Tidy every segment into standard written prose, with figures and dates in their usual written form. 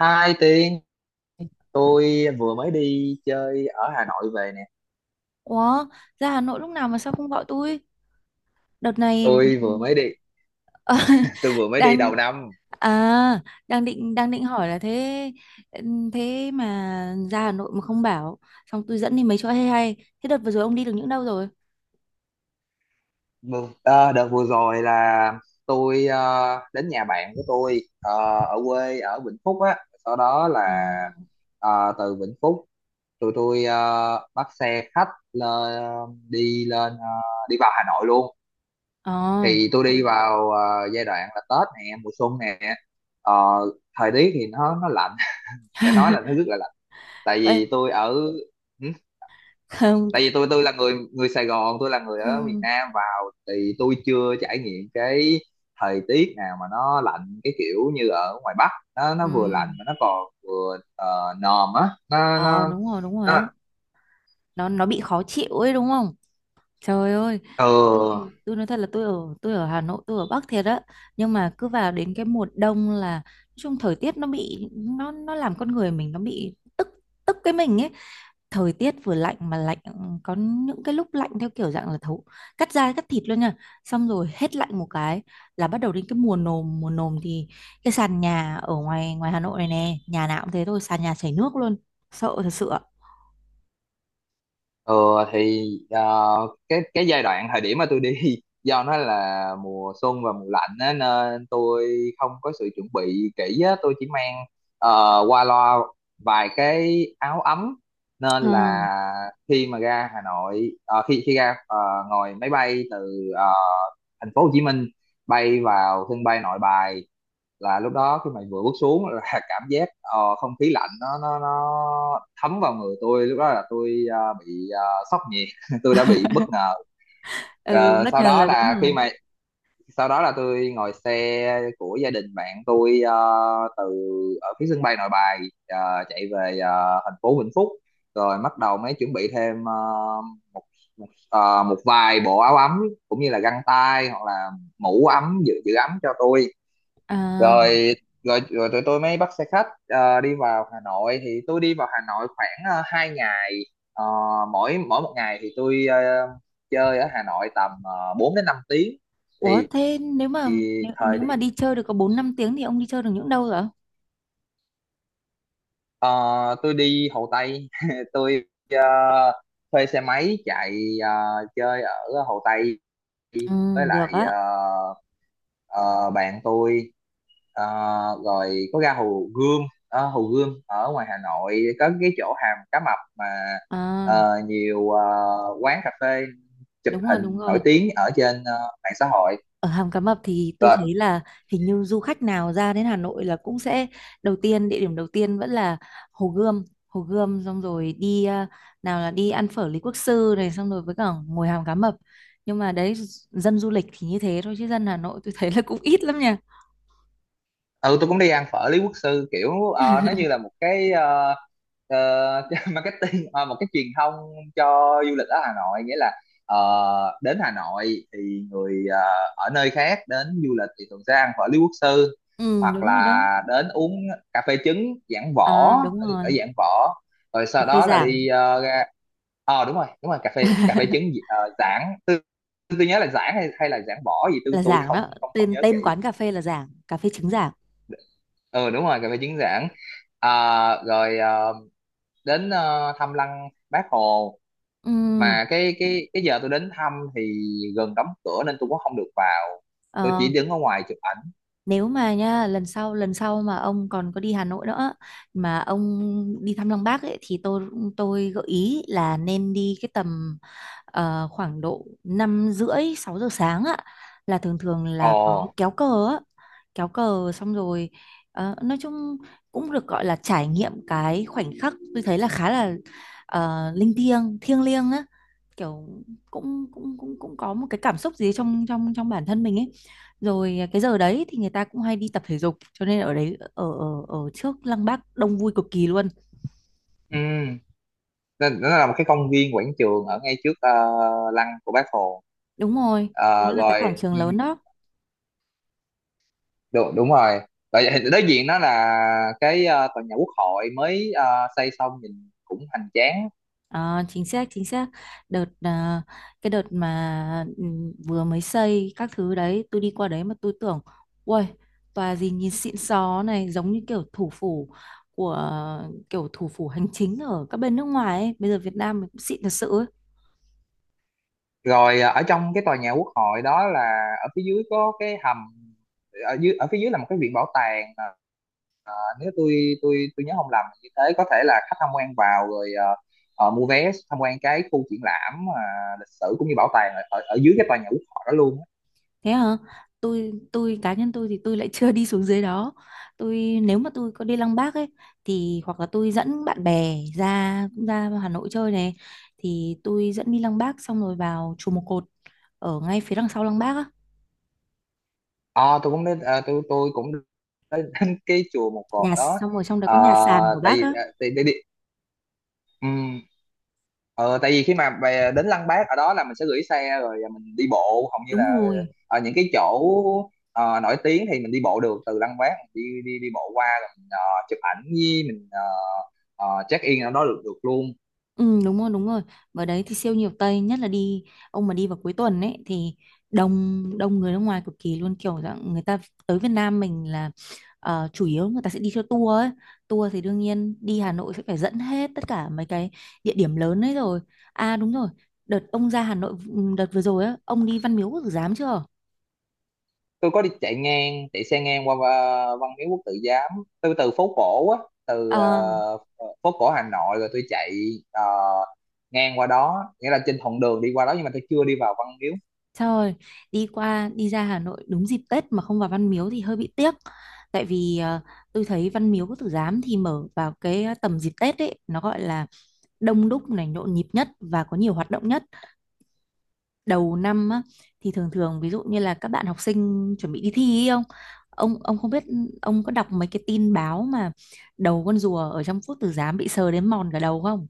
2 tiếng, tôi vừa mới đi chơi ở Hà Nội về nè. Ủa, ra Hà Nội lúc nào mà sao không gọi tôi? Đợt này Tôi vừa mới đi Ờ, Tôi vừa mới đi đang đầu năm. à đang định hỏi là thế thế mà ra Hà Nội mà không bảo, xong tôi dẫn đi mấy chỗ hay hay. Thế đợt vừa rồi ông đi được những đâu rồi? Đợt vừa rồi là tôi đến nhà bạn của tôi, ở quê ở Vĩnh Phúc á. Sau đó là Ờ. ờ, từ Vĩnh Phúc, tụi tôi bắt xe khách lên, đi lên, đi vào Hà Nội luôn. Ờ. Thì tôi đi vào giai đoạn là Tết nè, mùa xuân nè. Ờ, thời tiết thì nó lạnh phải nói là nó rất là, tại Vậy vì tôi ở, ừ, không. tại vì tôi là người người Sài Gòn, tôi là người ở miền Ừ. Nam vào, thì tôi chưa trải nghiệm cái thời tiết nào mà nó lạnh cái kiểu như ở ngoài Bắc. Nó Ừ. vừa lạnh mà nó còn vừa nồm á, nó Ờ nó đúng rồi nó á. Nó bị khó chịu ấy đúng không? Trời ơi, tôi ừ. tôi nói thật là tôi ở Hà Nội, tôi ở Bắc thiệt á, nhưng mà cứ vào đến cái mùa đông là nói chung thời tiết nó bị nó làm con người mình nó bị tức tức cái mình ấy. Thời tiết vừa lạnh mà lạnh có những cái lúc lạnh theo kiểu dạng là thấu cắt da cắt thịt luôn nha. Xong rồi hết lạnh một cái là bắt đầu đến cái mùa nồm thì cái sàn nhà ở ngoài ngoài Hà Nội này nè, nhà nào cũng thế thôi, sàn nhà chảy nước luôn. Sợ thật sự ạ. Ờ thì cái giai đoạn thời điểm mà tôi đi do nó là mùa xuân và mùa lạnh á, nên tôi không có sự chuẩn bị kỹ á, tôi chỉ mang qua loa vài cái áo ấm, Ờ. nên là khi mà ra Hà Nội, ờ, khi khi ra ờ, ngồi máy bay từ thành phố Hồ Chí Minh bay vào sân bay Nội Bài. Là lúc đó khi mà vừa bước xuống là cảm giác không khí lạnh nó thấm vào người tôi. Lúc đó là tôi bị sốc nhiệt tôi đã bị bất ngờ. Ừ, Ờ, bất sau ngờ đó là đúng là rồi. khi mà sau đó là tôi ngồi xe của gia đình bạn tôi, từ ở phía sân bay Nội Bài, chạy về thành phố Vĩnh Phúc, rồi bắt đầu mới chuẩn bị thêm ờ, một một, ờ, một vài bộ áo ấm, cũng như là găng tay, hoặc là mũ ấm giữ giữ ấm cho tôi. À, Rồi rồi rồi tụi tôi mới bắt xe khách đi vào Hà Nội. Thì tôi đi vào Hà Nội khoảng 2 ngày. Ờ, mỗi mỗi một ngày thì tôi chơi ở Hà Nội tầm 4 đến 5 tiếng. ủa Thì, thế nếu mà thì nếu, thời nếu mà điểm đi chơi được có 4 5 tiếng thì ông đi chơi được những đâu rồi ạ? ờ, Tôi đi Hồ Tây tôi ờ, thuê xe máy chạy ờ, chơi ở Hồ Tây, Ừ, với được lại á. ờ, ờ, bạn tôi. Ờ, rồi có ra Hồ Gươm. Hồ Gươm ở ngoài Hà Nội có cái chỗ Hàm Cá Mập mà À, nhiều quán cà phê chụp đúng rồi, đúng hình nổi rồi. tiếng ở trên mạng xã hội. Ở Hàm Cá Mập thì tôi Rồi thấy là hình như du khách nào ra đến Hà Nội là cũng sẽ đầu tiên, địa điểm đầu tiên vẫn là Hồ Gươm, Hồ Gươm xong rồi đi nào là đi ăn phở Lý Quốc Sư này xong rồi với cả ngồi Hàm Cá Mập. Nhưng mà đấy, dân du lịch thì như thế thôi chứ dân Hà Nội tôi thấy là cũng ít lắm nha. ừ, tôi cũng đi ăn phở Lý Quốc Sư, kiểu nó như là một cái marketing, một cái truyền thông cho du lịch ở Hà Nội. Nghĩa là ờ, đến Hà Nội thì người ở nơi khác đến du lịch thì thường sẽ ăn phở Lý Quốc Sư, Ừ, hoặc đúng rồi đó. là đến uống cà phê trứng Giảng À, Võ đúng ở ở rồi. Giảng Võ. Rồi Cà sau phê đó là Giảng. đi ra, ờ đúng rồi, đúng rồi, cà phê trứng Giảng. Tôi nhớ là Giảng hay hay là Giảng Võ gì, tôi Là tôi Giảng không đó, không không tên nhớ kỹ. tên quán cà phê là Giảng, cà phê trứng Giảng. Ừ đúng rồi, cà phê chứng giảng. À, rồi đến thăm lăng Bác Hồ, Ừm, mà cái giờ tôi đến thăm thì gần đóng cửa nên tôi cũng không được vào, tôi ờ, chỉ đứng ở ngoài chụp ảnh. nếu mà nha, lần sau mà ông còn có đi Hà Nội nữa mà ông đi thăm Lăng Bác ấy, thì tôi gợi ý là nên đi cái tầm khoảng độ năm rưỡi sáu giờ sáng á, là thường thường Ồ là có kéo cờ á, kéo cờ xong rồi nói chung cũng được gọi là trải nghiệm. Cái khoảnh khắc tôi thấy là khá là linh thiêng, thiêng liêng á, kiểu cũng cũng cũng cũng có một cái cảm xúc gì trong trong trong bản thân mình ấy. Rồi à, cái giờ đấy thì người ta cũng hay đi tập thể dục, cho nên ở đấy, ở ở ở trước Lăng Bác đông vui cực kỳ luôn. ừ, nó là một cái công viên quảng trường ở ngay trước lăng của Bác Hồ. Đúng rồi, nó Ờ, là cái quảng rồi trường ừ, lớn đó. Đúng rồi. Rồi đối diện đó là cái tòa nhà Quốc hội mới xây xong nhìn cũng hoành tráng. Ờ, chính xác, chính xác. Đợt à, cái đợt mà ừ, vừa mới xây các thứ đấy, tôi đi qua đấy mà tôi tưởng ui, tòa gì nhìn xịn xó này, giống như kiểu thủ phủ của, kiểu thủ phủ hành chính ở các bên nước ngoài ấy. Bây giờ Việt Nam mình cũng xịn thật sự ấy. Rồi à, ở trong cái tòa nhà quốc hội đó là ở phía dưới có cái hầm, ở dưới ở phía dưới là một cái viện bảo tàng. À, à, nếu tôi tôi nhớ không lầm như thế, có thể là khách tham quan vào, rồi à mua vé tham quan cái khu triển lãm, à, lịch sử, cũng như bảo tàng ở, ở ở dưới cái tòa nhà quốc hội đó luôn á. Thế hả? Tôi cá nhân tôi thì tôi lại chưa đi xuống dưới đó. Tôi nếu mà tôi có đi Lăng Bác ấy, thì hoặc là tôi dẫn bạn bè ra cũng ra Hà Nội chơi này, thì tôi dẫn đi Lăng Bác xong rồi vào chùa Một Cột ở ngay phía đằng sau lăng Bác á, Ờ, tôi cũng đến tôi cũng đến đến cái chùa Một Cột nhà, đó. xong rồi trong đấy Ờ, có nhà sàn của tại bác vì á. à, tại, tại, vì- ừm, ờ, tại vì khi mà về đến Lăng Bác ở đó là mình sẽ gửi xe rồi mình đi bộ, hầu như là Đúng rồi. ở những cái chỗ nổi tiếng thì mình đi bộ được. Từ Lăng Bác mình đi đi đi bộ qua rồi mình chụp ảnh, với mình check in ở đó được được luôn. Ừ đúng rồi. Ở đấy thì siêu nhiều Tây, nhất là đi, ông mà đi vào cuối tuần ấy thì đông đông người nước ngoài cực kỳ luôn. Kiểu dạng người ta tới Việt Nam mình là chủ yếu người ta sẽ đi theo tour ấy, tour thì đương nhiên đi Hà Nội sẽ phải dẫn hết tất cả mấy cái địa điểm lớn ấy rồi. À đúng rồi, đợt ông ra Hà Nội ừ, đợt vừa rồi á, ông đi Văn Miếu Quốc Tử Giám chưa? Tôi có đi chạy ngang, chạy xe ngang qua Văn Miếu Quốc Tử Giám. Tôi từ phố cổ á, từ Ờ. Phố cổ Hà Nội, rồi tôi chạy ờ, ngang qua đó, nghĩa là trên thuận đường đi qua đó, nhưng mà tôi chưa đi vào Văn Miếu. Trời, đi qua đi ra Hà Nội đúng dịp Tết mà không vào Văn Miếu thì hơi bị tiếc. Tại vì tôi thấy Văn Miếu Quốc Tử Giám thì mở vào cái tầm dịp Tết ấy, nó gọi là đông đúc này, nhộn nhịp nhất và có nhiều hoạt động nhất. Đầu năm á, thì thường thường ví dụ như là các bạn học sinh chuẩn bị đi thi ấy không? Ông không biết, ông có đọc mấy cái tin báo mà đầu con rùa ở trong Quốc Tử Giám bị sờ đến mòn cả đầu không?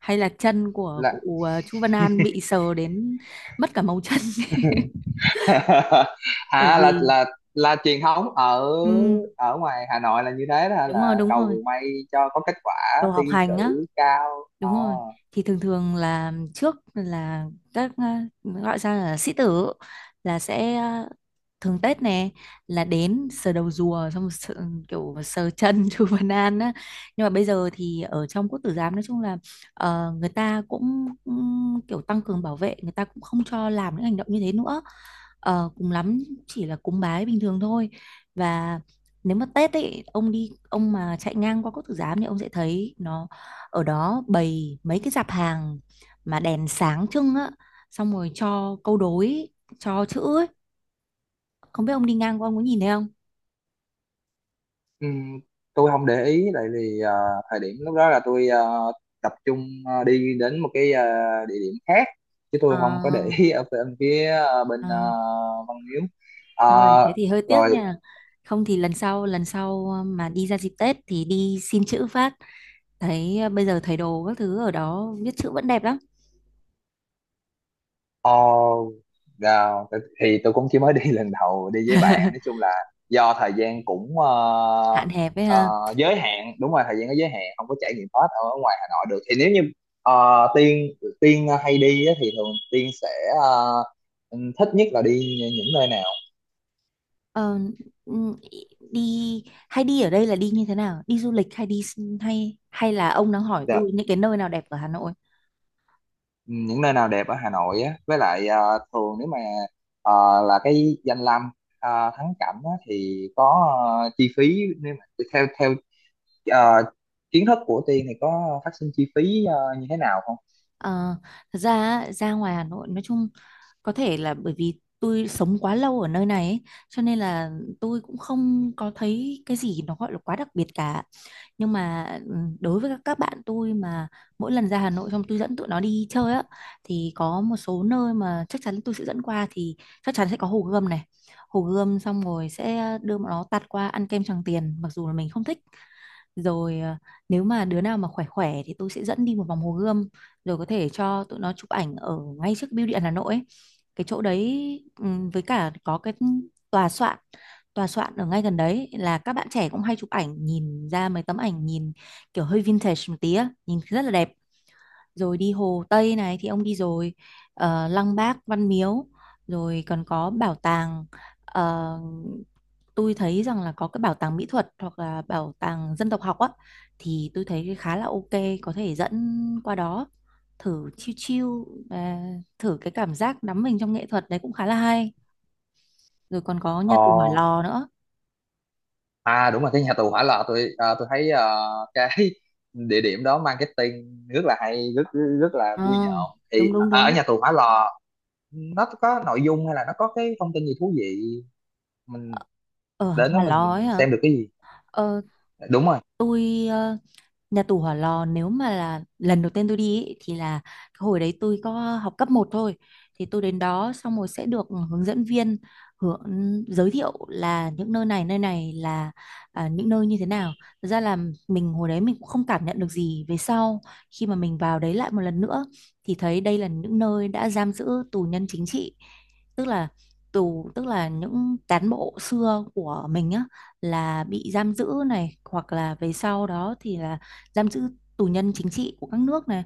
Hay là chân của Là cụ Chu Văn An bị sờ đến mất cả màu chân? Bởi à vì là truyền thống ở ừ, ở ngoài Hà Nội là như thế đó hả? đúng rồi, Là đúng cầu rồi. mùa may cho có kết quả Đồ thi học hành á. cử cao. Ờ. Đúng rồi. Thì thường thường là trước là các à, gọi ra là sĩ tử, là sẽ à, thường Tết nè là đến sờ đầu rùa, xong sờ, kiểu sờ chân chú Văn An á. Nhưng mà bây giờ thì ở trong Quốc Tử Giám nói chung là người ta cũng cũng kiểu tăng cường bảo vệ, người ta cũng không cho làm những hành động như thế nữa. Ờ, cùng lắm chỉ là cúng bái bình thường thôi. Và nếu mà Tết ấy ông đi, ông mà chạy ngang qua Quốc Tử Giám thì ông sẽ thấy nó ở đó bày mấy cái dạp hàng mà đèn sáng trưng á, xong rồi cho câu đối, cho chữ ấy. Không biết ông đi ngang qua ông có nhìn thấy không? Ừm, tôi không để ý, tại vì thời điểm lúc đó là tôi tập trung đi đến một cái địa điểm khác, chứ tôi Ờ không có để ý ở bên phía ờ, Văn Miếu. trời thế Ờ, thì hơi tiếc rồi. nha, không thì lần sau mà đi ra dịp Tết thì đi xin chữ phát, thấy bây giờ thầy đồ các thứ ở đó viết chữ vẫn đẹp lắm. Ồ, oh, thì tôi cũng chỉ mới đi lần đầu đi với bạn, nói chung là do thời gian cũng Hạn hẹp ấy ờ, ha. giới hạn. Đúng rồi, thời gian có giới hạn, không có trải nghiệm hết ở ngoài Hà Nội được. Thì nếu như ờ, Tiên, hay đi á, thì thường Tiên sẽ ờ, thích nhất là đi những nơi nào? Ờ, ừ, đi, hay đi ở đây là đi như thế nào, đi du lịch hay đi, hay hay là ông đang hỏi Dạ, tôi những cái nơi nào đẹp ở Hà Nội? những nơi nào đẹp ở Hà Nội á, với lại thường nếu mà ờ, là cái danh lam thắng cảnh á, thì có chi phí, nếu mà theo theo ờ, kiến thức của Tiên thì có phát sinh chi phí như thế nào không? Ờ, thật ra á, ra ngoài Hà Nội nói chung, có thể là bởi vì tôi sống quá lâu ở nơi này ấy, cho nên là tôi cũng không có thấy cái gì nó gọi là quá đặc biệt cả. Nhưng mà ừ, đối với các bạn tôi mà mỗi lần ra Hà Nội xong tôi dẫn tụi nó đi chơi á, thì có một số nơi mà chắc chắn tôi sẽ dẫn qua thì chắc chắn sẽ có Hồ Gươm này, Hồ Gươm xong rồi sẽ đưa bọn nó tạt qua ăn kem Tràng Tiền, mặc dù là mình không thích. Rồi à, nếu mà đứa nào mà khỏe khỏe thì tôi sẽ dẫn đi một vòng Hồ Gươm, rồi có thể cho tụi nó chụp ảnh ở ngay trước bưu điện Hà Nội ấy. Cái chỗ đấy với cả có cái tòa soạn tòa soạn ở ngay gần đấy là các bạn trẻ cũng hay chụp ảnh, nhìn ra mấy tấm ảnh nhìn kiểu hơi vintage một tí á, nhìn rất là đẹp. Rồi đi Hồ Tây này thì ông đi rồi, Lăng Bác, Văn Miếu, rồi còn có bảo tàng, ờ, tôi thấy rằng là có cái bảo tàng mỹ thuật hoặc là bảo tàng dân tộc học á, thì tôi thấy khá là ok, có thể dẫn qua đó thử chill chill và thử cái cảm giác đắm mình trong nghệ thuật đấy, cũng khá là hay. Rồi còn có Ờ, nhà tù Hỏa Lò nữa. à đúng rồi, cái nhà tù Hỏa Lò, tôi tôi thấy cái địa điểm đó marketing rất là hay, rất rất rất là Ờ vui nhộn. Thì đúng đúng à, ở đúng, nhà tù Hỏa Lò nó có nội dung, hay là nó có cái thông tin gì thú vị, mình ở đến đó Hòa mình Lò ấy mình hả? xem được cái gì? Ờ, Đúng rồi. tôi ờ, nhà tù Hỏa Lò, nếu mà là lần đầu tiên tôi đi ý, thì là cái hồi đấy tôi có học cấp một thôi, thì tôi đến đó xong rồi sẽ được hướng dẫn viên hướng giới thiệu là những nơi này, nơi này là à, những nơi như thế nào. Thật ra là mình hồi đấy mình cũng không cảm nhận được gì. Về sau, khi mà mình vào đấy lại một lần nữa, thì thấy đây là những nơi đã giam giữ tù nhân chính trị, tức là tù, tức là những cán bộ xưa của mình á, là bị giam giữ này, hoặc là về sau đó thì là giam giữ tù nhân chính trị của các nước này.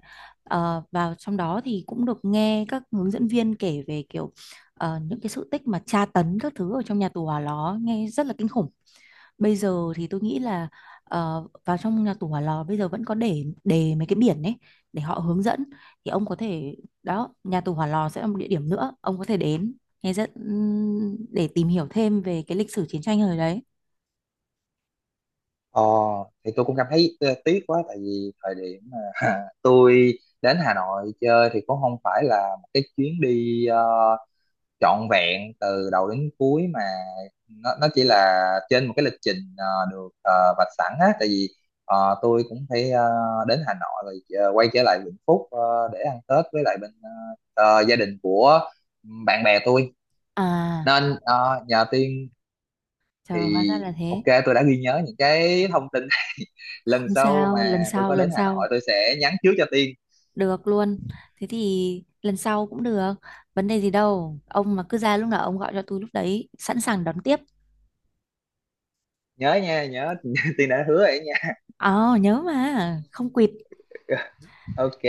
Ờ, và trong đó thì cũng được nghe các hướng dẫn viên kể về kiểu những cái sự tích mà tra tấn các thứ ở trong nhà tù Hỏa Lò, nghe rất là kinh khủng. Bây giờ thì tôi nghĩ là vào trong nhà tù Hỏa Lò bây giờ vẫn có để mấy cái biển ấy, để họ hướng dẫn. Thì ông có thể, đó nhà tù Hỏa Lò sẽ là một địa điểm nữa ông có thể đến nghe rất để tìm hiểu thêm về cái lịch sử chiến tranh hồi đấy. Ờ thì tôi cũng cảm thấy tiếc quá, tại vì thời điểm mà tôi đến Hà Nội chơi thì cũng không phải là một cái chuyến đi trọn vẹn từ đầu đến cuối, mà nó chỉ là trên một cái lịch trình vạch sẵn á. Tại vì tôi cũng phải đến Hà Nội rồi quay trở lại Vĩnh Phúc để ăn Tết với lại bên gia đình của bạn bè tôi, À nên nhờ Tiên. Thì trời, hóa ra là ok, thế. tôi đã ghi nhớ những cái thông tin này lần Không sau sao, lần mà tôi sau, có lần đến Hà sau. Nội tôi sẽ nhắn trước cho Tiên. Được luôn. Thế thì lần sau cũng được. Vấn đề gì đâu. Ông mà cứ ra lúc nào ông gọi cho tôi lúc đấy. Sẵn sàng đón tiếp. Nhớ nha, nhớ Tiên đã hứa vậy nha. Ờ nhớ mà. Không quỵt. Ok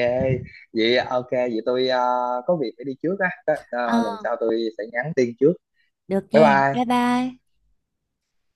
vậy à, ok vậy tôi có việc phải đi trước á. Đó, ờ, Ờ lần sau tôi sẽ nhắn tin trước. được Bye nghe. Bye bye. bye.